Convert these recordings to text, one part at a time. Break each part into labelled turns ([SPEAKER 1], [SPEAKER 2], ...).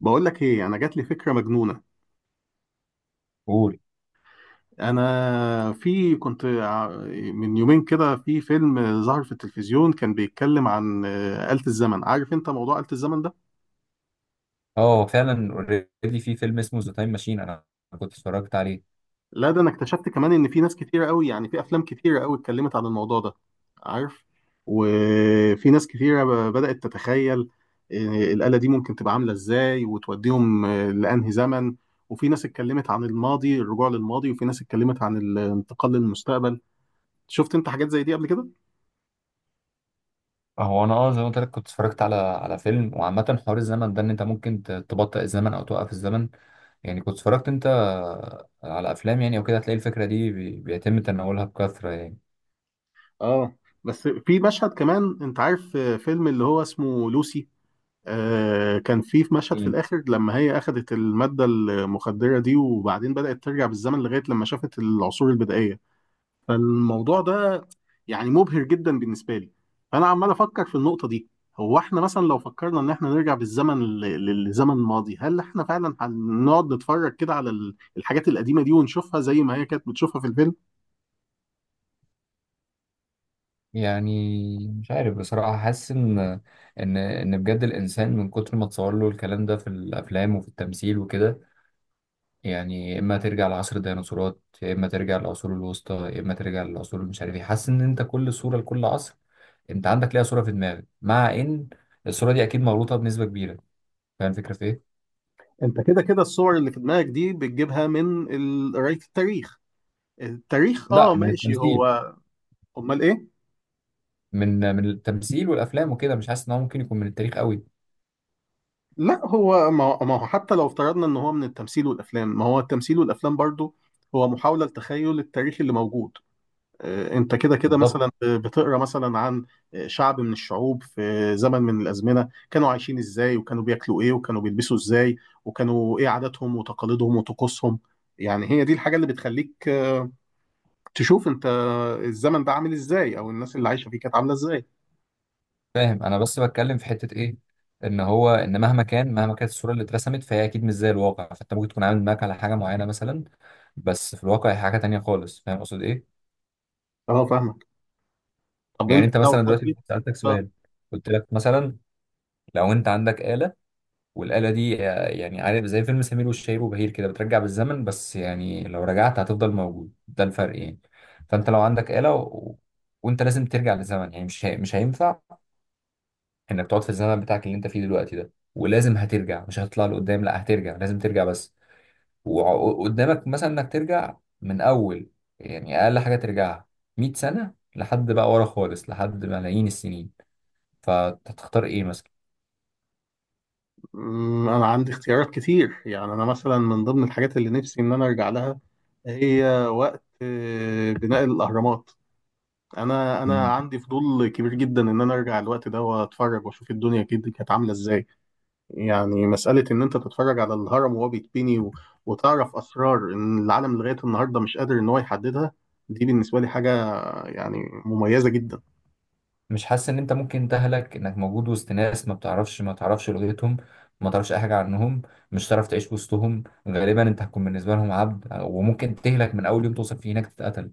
[SPEAKER 1] بقول لك ايه، انا جات لي فكره مجنونه.
[SPEAKER 2] قول.
[SPEAKER 1] انا في كنت ع- من يومين كده في فيلم ظهر في التلفزيون كان بيتكلم عن آلة الزمن. عارف انت موضوع آلة الزمن ده؟
[SPEAKER 2] اه، فعلا اوريدي في فيلم اسمه ذا تايم ماشين. انا كنت اتفرجت عليه.
[SPEAKER 1] لا، ده انا اكتشفت كمان ان في ناس كتيره قوي، يعني في افلام كتيره قوي اتكلمت عن الموضوع ده، عارف؟ وفي ناس كتيره بدأت تتخيل الآلة دي ممكن تبقى عامله ازاي وتوديهم لأنهي زمن. وفي ناس اتكلمت عن الماضي، الرجوع للماضي، وفي ناس اتكلمت عن الانتقال للمستقبل. شفت انت حاجات زي دي قبل كده؟
[SPEAKER 2] هو انا، زي ما قلت لك، كنت اتفرجت على فيلم. وعامة حوار الزمن ده ان انت ممكن تبطئ الزمن او توقف الزمن، يعني. كنت اتفرجت انت على افلام يعني، او كده هتلاقي الفكرة دي بيتم تناولها بكثرة يعني.
[SPEAKER 1] اه. بس في مشهد كمان، انت عارف فيلم اللي هو اسمه لوسي؟ آه، كان في مشهد في
[SPEAKER 2] مم.
[SPEAKER 1] الاخر لما هي اخذت المادة المخدرة دي، وبعدين بدأت ترجع بالزمن لغاية لما شافت العصور البدائية. فالموضوع ده يعني مبهر جدا بالنسبة لي، فانا عمال افكر في النقطة دي. هو احنا مثلا لو فكرنا ان احنا نرجع بالزمن للزمن الماضي، هل احنا فعلا هنقعد نتفرج كده على الحاجات القديمة دي ونشوفها زي ما هي كانت بتشوفها في الفيلم؟
[SPEAKER 2] يعني مش عارف بصراحة، حاسس ان بجد الانسان من كتر ما تصور له الكلام ده في الافلام وفي التمثيل وكده، يعني يا اما ترجع لعصر الديناصورات، يا اما ترجع للعصور الوسطى، يا اما ترجع للعصور مش عارف ايه. حاسس ان انت كل صوره لكل عصر انت عندك ليها صوره في دماغك، مع ان الصوره دي اكيد مغلوطه بنسبه كبيره. فاهم الفكره في ايه؟
[SPEAKER 1] انت كده كده الصور اللي في دماغك دي بتجيبها من قراية التاريخ. التاريخ، اه
[SPEAKER 2] لا، من
[SPEAKER 1] ماشي
[SPEAKER 2] التمثيل.
[SPEAKER 1] هو. امال ايه؟
[SPEAKER 2] من التمثيل والافلام وكده. مش حاسس ان هو ممكن يكون من التاريخ قوي.
[SPEAKER 1] لا، هو ما هو حتى لو افترضنا ان هو من التمثيل والافلام، ما هو التمثيل والافلام برضو هو محاولة لتخيل التاريخ اللي موجود. انت كده كده
[SPEAKER 2] بالظبط.
[SPEAKER 1] مثلا بتقرا مثلا عن شعب من الشعوب في زمن من الازمنه، كانوا عايشين ازاي، وكانوا بياكلوا ايه، وكانوا بيلبسوا ازاي، وكانوا ايه عاداتهم وتقاليدهم وطقوسهم. يعني هي دي الحاجه اللي بتخليك تشوف انت الزمن ده عامل ازاي، او الناس اللي عايشه فيه كانت عامله ازاي.
[SPEAKER 2] فاهم، انا بس بتكلم في حته ايه، ان هو ان مهما كانت الصوره اللي اترسمت فهي اكيد مش زي الواقع، فانت ممكن تكون عامل دماغك على حاجه معينه مثلا، بس في الواقع هي حاجه تانية خالص. فاهم اقصد ايه؟
[SPEAKER 1] اه، فاهمك. طب
[SPEAKER 2] يعني
[SPEAKER 1] انت
[SPEAKER 2] انت
[SPEAKER 1] لو
[SPEAKER 2] مثلا دلوقتي
[SPEAKER 1] حبيت
[SPEAKER 2] سألتك
[SPEAKER 1] آه،
[SPEAKER 2] سؤال، قلت لك مثلا، لو انت عندك آلة، والآلة دي يعني عارف زي فيلم سمير وشهير وبهير كده، بترجع بالزمن، بس يعني لو رجعت هتفضل موجود، ده الفرق يعني. فانت لو عندك آلة وانت لازم ترجع للزمن، يعني مش هينفع انك تقعد في الزمن بتاعك اللي انت فيه دلوقتي ده، ولازم هترجع. مش هتطلع لقدام، لا هترجع، لازم ترجع بس. وقدامك مثلا انك ترجع من اول، يعني اقل حاجة ترجعها 100 سنة، لحد بقى ورا خالص لحد ملايين السنين. فتختار ايه مثلا؟
[SPEAKER 1] انا عندي اختيارات كتير. يعني انا مثلا من ضمن الحاجات اللي نفسي ان انا ارجع لها هي وقت بناء الاهرامات. انا
[SPEAKER 2] مم.
[SPEAKER 1] عندي فضول كبير جدا ان انا ارجع الوقت ده واتفرج واشوف الدنيا كده كانت عامله ازاي. يعني مساله ان انت تتفرج على الهرم وهو بيتبني وتعرف اسرار ان العالم لغايه النهارده مش قادر ان هو يحددها، دي بالنسبه لي حاجه يعني مميزه جدا.
[SPEAKER 2] مش حاسس ان انت ممكن تهلك، انك موجود وسط ناس ما بتعرفش، ما تعرفش لغتهم، ما تعرفش اي حاجه عنهم، مش هتعرف تعيش وسطهم. غالبا انت هتكون بالنسبه لهم عبد، وممكن تهلك من اول يوم توصل فيه هناك، تتقتل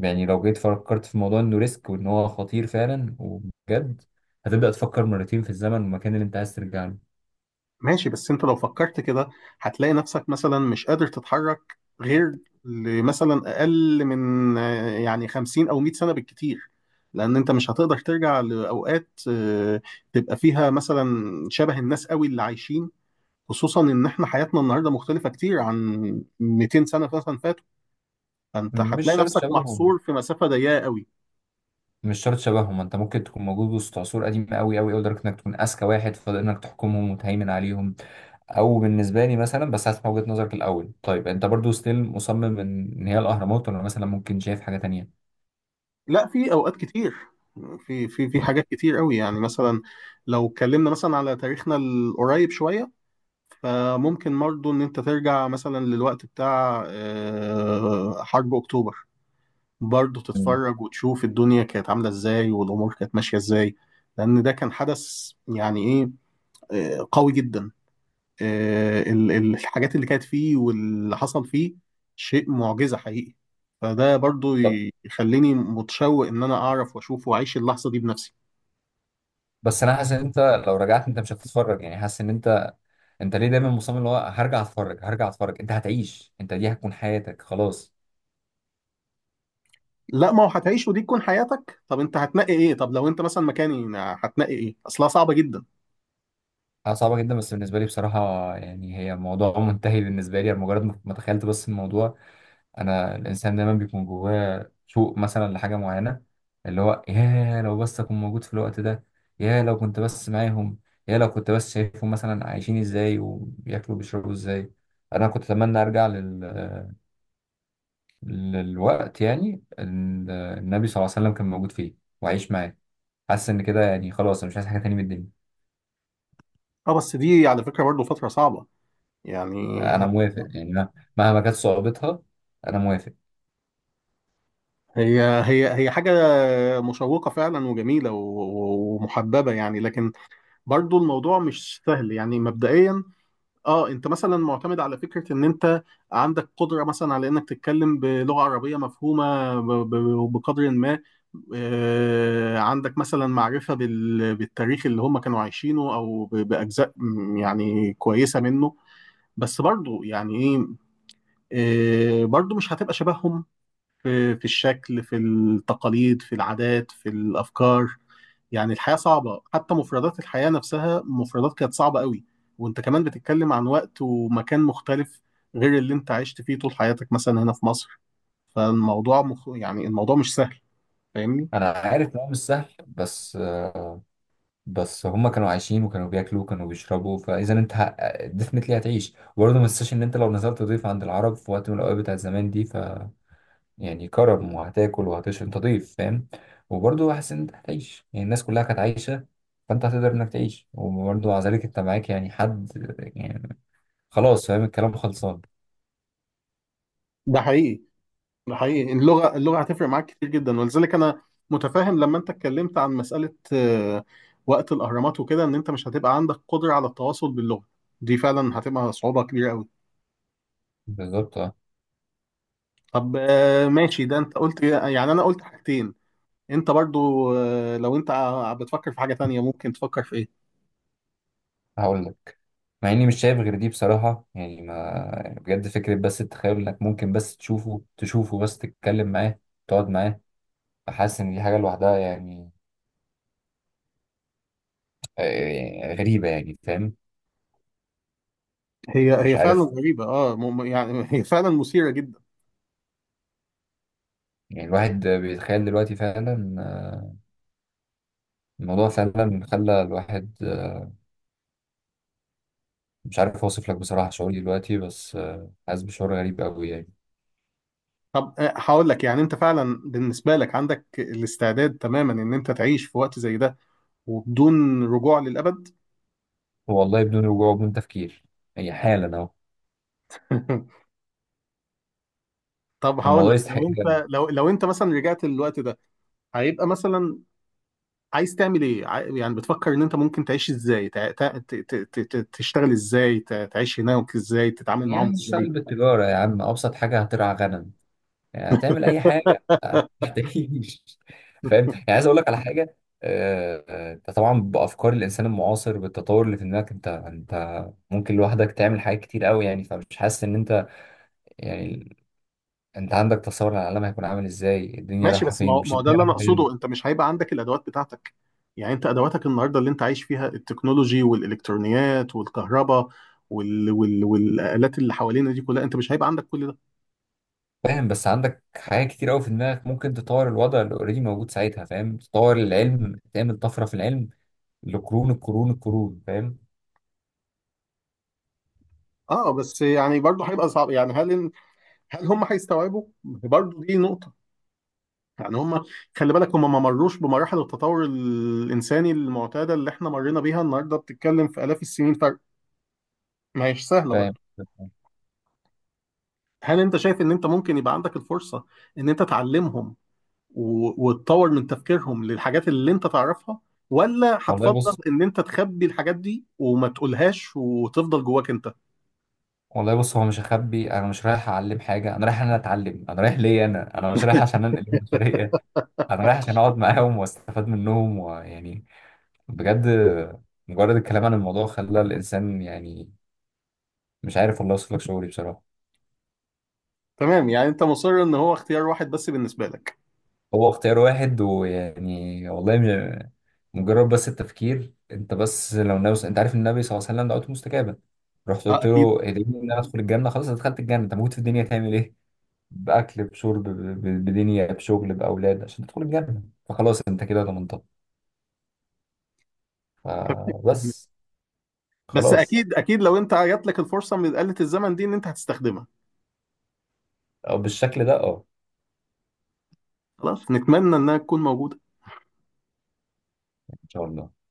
[SPEAKER 2] يعني. لو جيت فكرت في موضوع انه ريسك وان هو خطير فعلا وبجد، هتبدا تفكر مرتين في الزمن والمكان اللي انت عايز ترجع له.
[SPEAKER 1] ماشي، بس انت لو فكرت كده هتلاقي نفسك مثلا مش قادر تتحرك غير لمثلا اقل من يعني 50 او 100 سنة بالكتير. لان انت مش هتقدر ترجع لاوقات تبقى فيها مثلا شبه الناس قوي اللي عايشين، خصوصا ان احنا حياتنا النهارده مختلفة كتير عن 200 سنة مثلا فاتوا. فانت
[SPEAKER 2] مش
[SPEAKER 1] هتلاقي
[SPEAKER 2] شرط
[SPEAKER 1] نفسك محصور
[SPEAKER 2] شبههم،
[SPEAKER 1] في مسافة ضيقة قوي.
[SPEAKER 2] مش شرط شبههم. انت ممكن تكون موجود وسط عصور قديمه قوي قوي قوي، لدرجه انك تكون اذكى واحد فاضل، انك تحكمهم وتهيمن عليهم. او بالنسبه لي مثلا، بس هسمع وجهه نظرك الاول. طيب انت برضو ستيل مصمم ان هي الاهرامات، ولا مثلا ممكن شايف حاجه تانية؟
[SPEAKER 1] لا، في اوقات كتير، في في حاجات كتير قوي. يعني مثلا لو اتكلمنا مثلا على تاريخنا القريب شوية، فممكن برضه إن أنت ترجع مثلا للوقت بتاع حرب أكتوبر، برضه
[SPEAKER 2] مم.
[SPEAKER 1] تتفرج وتشوف الدنيا كانت عاملة إزاي والأمور كانت ماشية إزاي. لأن ده كان حدث يعني إيه، قوي جدا. الحاجات اللي كانت فيه واللي حصل فيه شيء معجزة حقيقي. فده برضه
[SPEAKER 2] طب
[SPEAKER 1] يخليني متشوق إن أنا أعرف وأشوف وأعيش اللحظة دي بنفسي.
[SPEAKER 2] بس انا حاسس ان انت لو رجعت انت مش هتتفرج، يعني حاسس ان انت ليه دايما مصمم اللي هو هرجع اتفرج، هرجع اتفرج. انت هتعيش، انت دي هتكون حياتك خلاص.
[SPEAKER 1] لا، ما هو هتعيش ودي تكون حياتك. طب أنت هتنقي إيه؟ طب لو أنت مثلا مكاني هتنقي إيه؟ أصلها صعبة جدا.
[SPEAKER 2] حاجه صعبه جدا بس بالنسبه لي بصراحه. يعني هي موضوع منتهي بالنسبه لي. أنا مجرد ما تخيلت بس الموضوع، انا الانسان دايما بيكون جواه شوق مثلا لحاجه معينه، اللي هو يا لو بس اكون موجود في الوقت ده، يا لو كنت بس معاهم، يا لو كنت بس شايفهم مثلا عايشين ازاي وبياكلوا بيشربوا ازاي. انا كنت اتمنى للوقت يعني النبي صلى الله عليه وسلم كان موجود فيه واعيش معاه. حاسس ان كده يعني خلاص انا مش عايز حاجه تاني من الدنيا.
[SPEAKER 1] اه، بس دي على فكرة برضه فترة صعبة، يعني.
[SPEAKER 2] انا موافق، يعني مهما كانت صعوبتها، انا موافق.
[SPEAKER 1] هي هي حاجة مشوقة فعلا وجميلة ومحببة، يعني. لكن برضو الموضوع مش سهل يعني، مبدئيا. اه، انت مثلا معتمد على فكرة ان انت عندك قدرة مثلا على انك تتكلم بلغة عربية مفهومة بقدر ما عندك مثلا معرفة بالتاريخ اللي هم كانوا عايشينه او بأجزاء يعني كويسة منه. بس برضو يعني ايه، برضو مش هتبقى شبههم في الشكل، في التقاليد، في العادات، في الأفكار. يعني الحياة صعبة، حتى مفردات الحياة نفسها مفردات كانت صعبة قوي. وانت كمان بتتكلم عن وقت ومكان مختلف غير اللي انت عشت فيه طول حياتك مثلا هنا في مصر. يعني الموضوع مش سهل، فاهمني؟
[SPEAKER 2] انا عارف ان هو مش سهل، بس هما كانوا عايشين وكانوا بياكلوا وكانوا بيشربوا، فاذا انت ديفنتلي هتعيش. وبرضه ما تنساش ان انت لو نزلت ضيف عند العرب في وقت من الاوقات بتاع زمان دي، ف يعني كرم، وهتاكل وهتشرب، انت ضيف فاهم. وبرضه حاسس ان انت هتعيش، يعني الناس كلها كانت عايشه، فانت هتقدر انك تعيش. وبرضه مع ذلك انت معاك يعني حد يعني، خلاص فاهم الكلام خلصان.
[SPEAKER 1] ده حقيقي، ده حقيقي. اللغة هتفرق معاك كتير جدا، ولذلك أنا متفاهم لما أنت اتكلمت عن مسألة وقت الأهرامات وكده إن أنت مش هتبقى عندك قدرة على التواصل باللغة. دي فعلا هتبقى صعوبة كبيرة أوي.
[SPEAKER 2] بالظبط اه.
[SPEAKER 1] طب ماشي، ده أنت قلت يعني أنا قلت حاجتين. أنت برضو لو أنت بتفكر في حاجة تانية، ممكن تفكر في إيه؟
[SPEAKER 2] هقول لك، مع اني مش شايف غير دي بصراحه يعني، ما بجد فكره. بس التخيل انك ممكن بس تشوفه، بس تتكلم معاه، تقعد معاه، حاسس ان دي حاجه لوحدها يعني غريبه يعني، فاهم.
[SPEAKER 1] هي
[SPEAKER 2] مش
[SPEAKER 1] هي فعلا
[SPEAKER 2] عارف،
[SPEAKER 1] غريبة، أه يعني هي فعلا مثيرة جدا.
[SPEAKER 2] يعني الواحد بيتخيل دلوقتي فعلا، الموضوع فعلا خلى الواحد، مش عارف اوصف لك بصراحه شعوري دلوقتي، بس حاسس بشعور غريب قوي يعني.
[SPEAKER 1] طب هقول لك، يعني أنت فعلا بالنسبة لك عندك الاستعداد تماما إن أنت تعيش في وقت زي ده وبدون رجوع للأبد؟
[SPEAKER 2] والله بدون رجوع وبدون تفكير، هي حالا اهو.
[SPEAKER 1] طب هقول
[SPEAKER 2] الموضوع
[SPEAKER 1] لك،
[SPEAKER 2] يستحق
[SPEAKER 1] لو
[SPEAKER 2] فعلاً.
[SPEAKER 1] انت لو انت مثلا رجعت للوقت ده، هيبقى مثلا عايز تعمل ايه؟ يعني بتفكر ان انت ممكن تعيش ازاي؟ تشتغل ازاي؟ تعيش هناك ازاي؟ تتعامل معاهم
[SPEAKER 2] يعني
[SPEAKER 1] ازاي؟
[SPEAKER 2] اشتغل بالتجاره يا عم، ابسط حاجه هترعى غنم. يعني هتعمل اي حاجه، هتعيش فاهم. يعني عايز اقول لك على حاجه، انت طبعا بافكار الانسان المعاصر بالتطور اللي في دماغك، انت ممكن لوحدك تعمل حاجات كتير قوي، يعني فمش حاسس ان انت، يعني انت عندك تصور عن العالم هيكون عامل ازاي، الدنيا
[SPEAKER 1] ماشي،
[SPEAKER 2] رايحه
[SPEAKER 1] بس ما
[SPEAKER 2] فين
[SPEAKER 1] هو
[SPEAKER 2] مش
[SPEAKER 1] ده
[SPEAKER 2] الدنيا
[SPEAKER 1] اللي انا
[SPEAKER 2] رايحه فين.
[SPEAKER 1] اقصده. انت مش هيبقى عندك الادوات بتاعتك. يعني انت ادواتك النهارده اللي انت عايش فيها، التكنولوجي والالكترونيات والكهرباء والالات اللي حوالينا دي كلها، انت مش هيبقى عندك كل ده.
[SPEAKER 2] فاهم بس عندك حاجات كتير قوي في دماغك ممكن تطور الوضع اللي اوريدي موجود ساعتها، فاهم، تطور العلم، تعمل طفره في العلم لقرون، القرون القرون فاهم.
[SPEAKER 1] اه، بس يعني برضه هيبقى صعب. يعني هل هم هيستوعبوا؟ برضه دي نقطة. يعني هم، خلي بالك، هم ما مروش بمراحل التطور الإنساني المعتادة اللي احنا مرينا بيها النهاردة. بتتكلم في آلاف السنين فرق، ما هيش سهلة
[SPEAKER 2] فاهم.
[SPEAKER 1] برضه. هل انت شايف ان انت ممكن يبقى عندك الفرصة ان انت تعلمهم وتطور من تفكيرهم للحاجات اللي انت تعرفها، ولا
[SPEAKER 2] والله
[SPEAKER 1] هتفضل
[SPEAKER 2] بص،
[SPEAKER 1] ان انت تخبي الحاجات دي وما تقولهاش وتفضل جواك انت؟
[SPEAKER 2] هو مش هخبي. انا مش رايح اعلم حاجه، انا رايح إن انا اتعلم. انا رايح ليا، انا مش رايح عشان انقل البشريه. انا رايح عشان اقعد معاهم واستفاد منهم، ويعني بجد مجرد الكلام عن الموضوع خلى الانسان يعني مش عارف والله اوصف لك شعوري بصراحه.
[SPEAKER 1] تمام، يعني انت مصر ان هو اختيار واحد بس بالنسبة لك.
[SPEAKER 2] هو اختيار واحد، ويعني والله مجرد بس التفكير. انت بس لو ناوي، انت عارف النبي صلى الله عليه وسلم دعوته مستجابه، رحت
[SPEAKER 1] اه،
[SPEAKER 2] قلت
[SPEAKER 1] اكيد.
[SPEAKER 2] له ادعيني ان انا ادخل الجنه، خلاص أنا دخلت الجنه، انت موجود في الدنيا تعمل ايه، باكل بشرب بدنيا، بشغل، باولاد عشان تدخل الجنه، فخلاص انت كده ضمنتها فبس،
[SPEAKER 1] بس
[SPEAKER 2] خلاص.
[SPEAKER 1] اكيد اكيد لو انت جات لك الفرصه من آلة الزمن دي، ان انت هتستخدمها.
[SPEAKER 2] او بالشكل ده اه.
[SPEAKER 1] خلاص، نتمنى انها تكون موجوده.
[SPEAKER 2] ان شاء الله.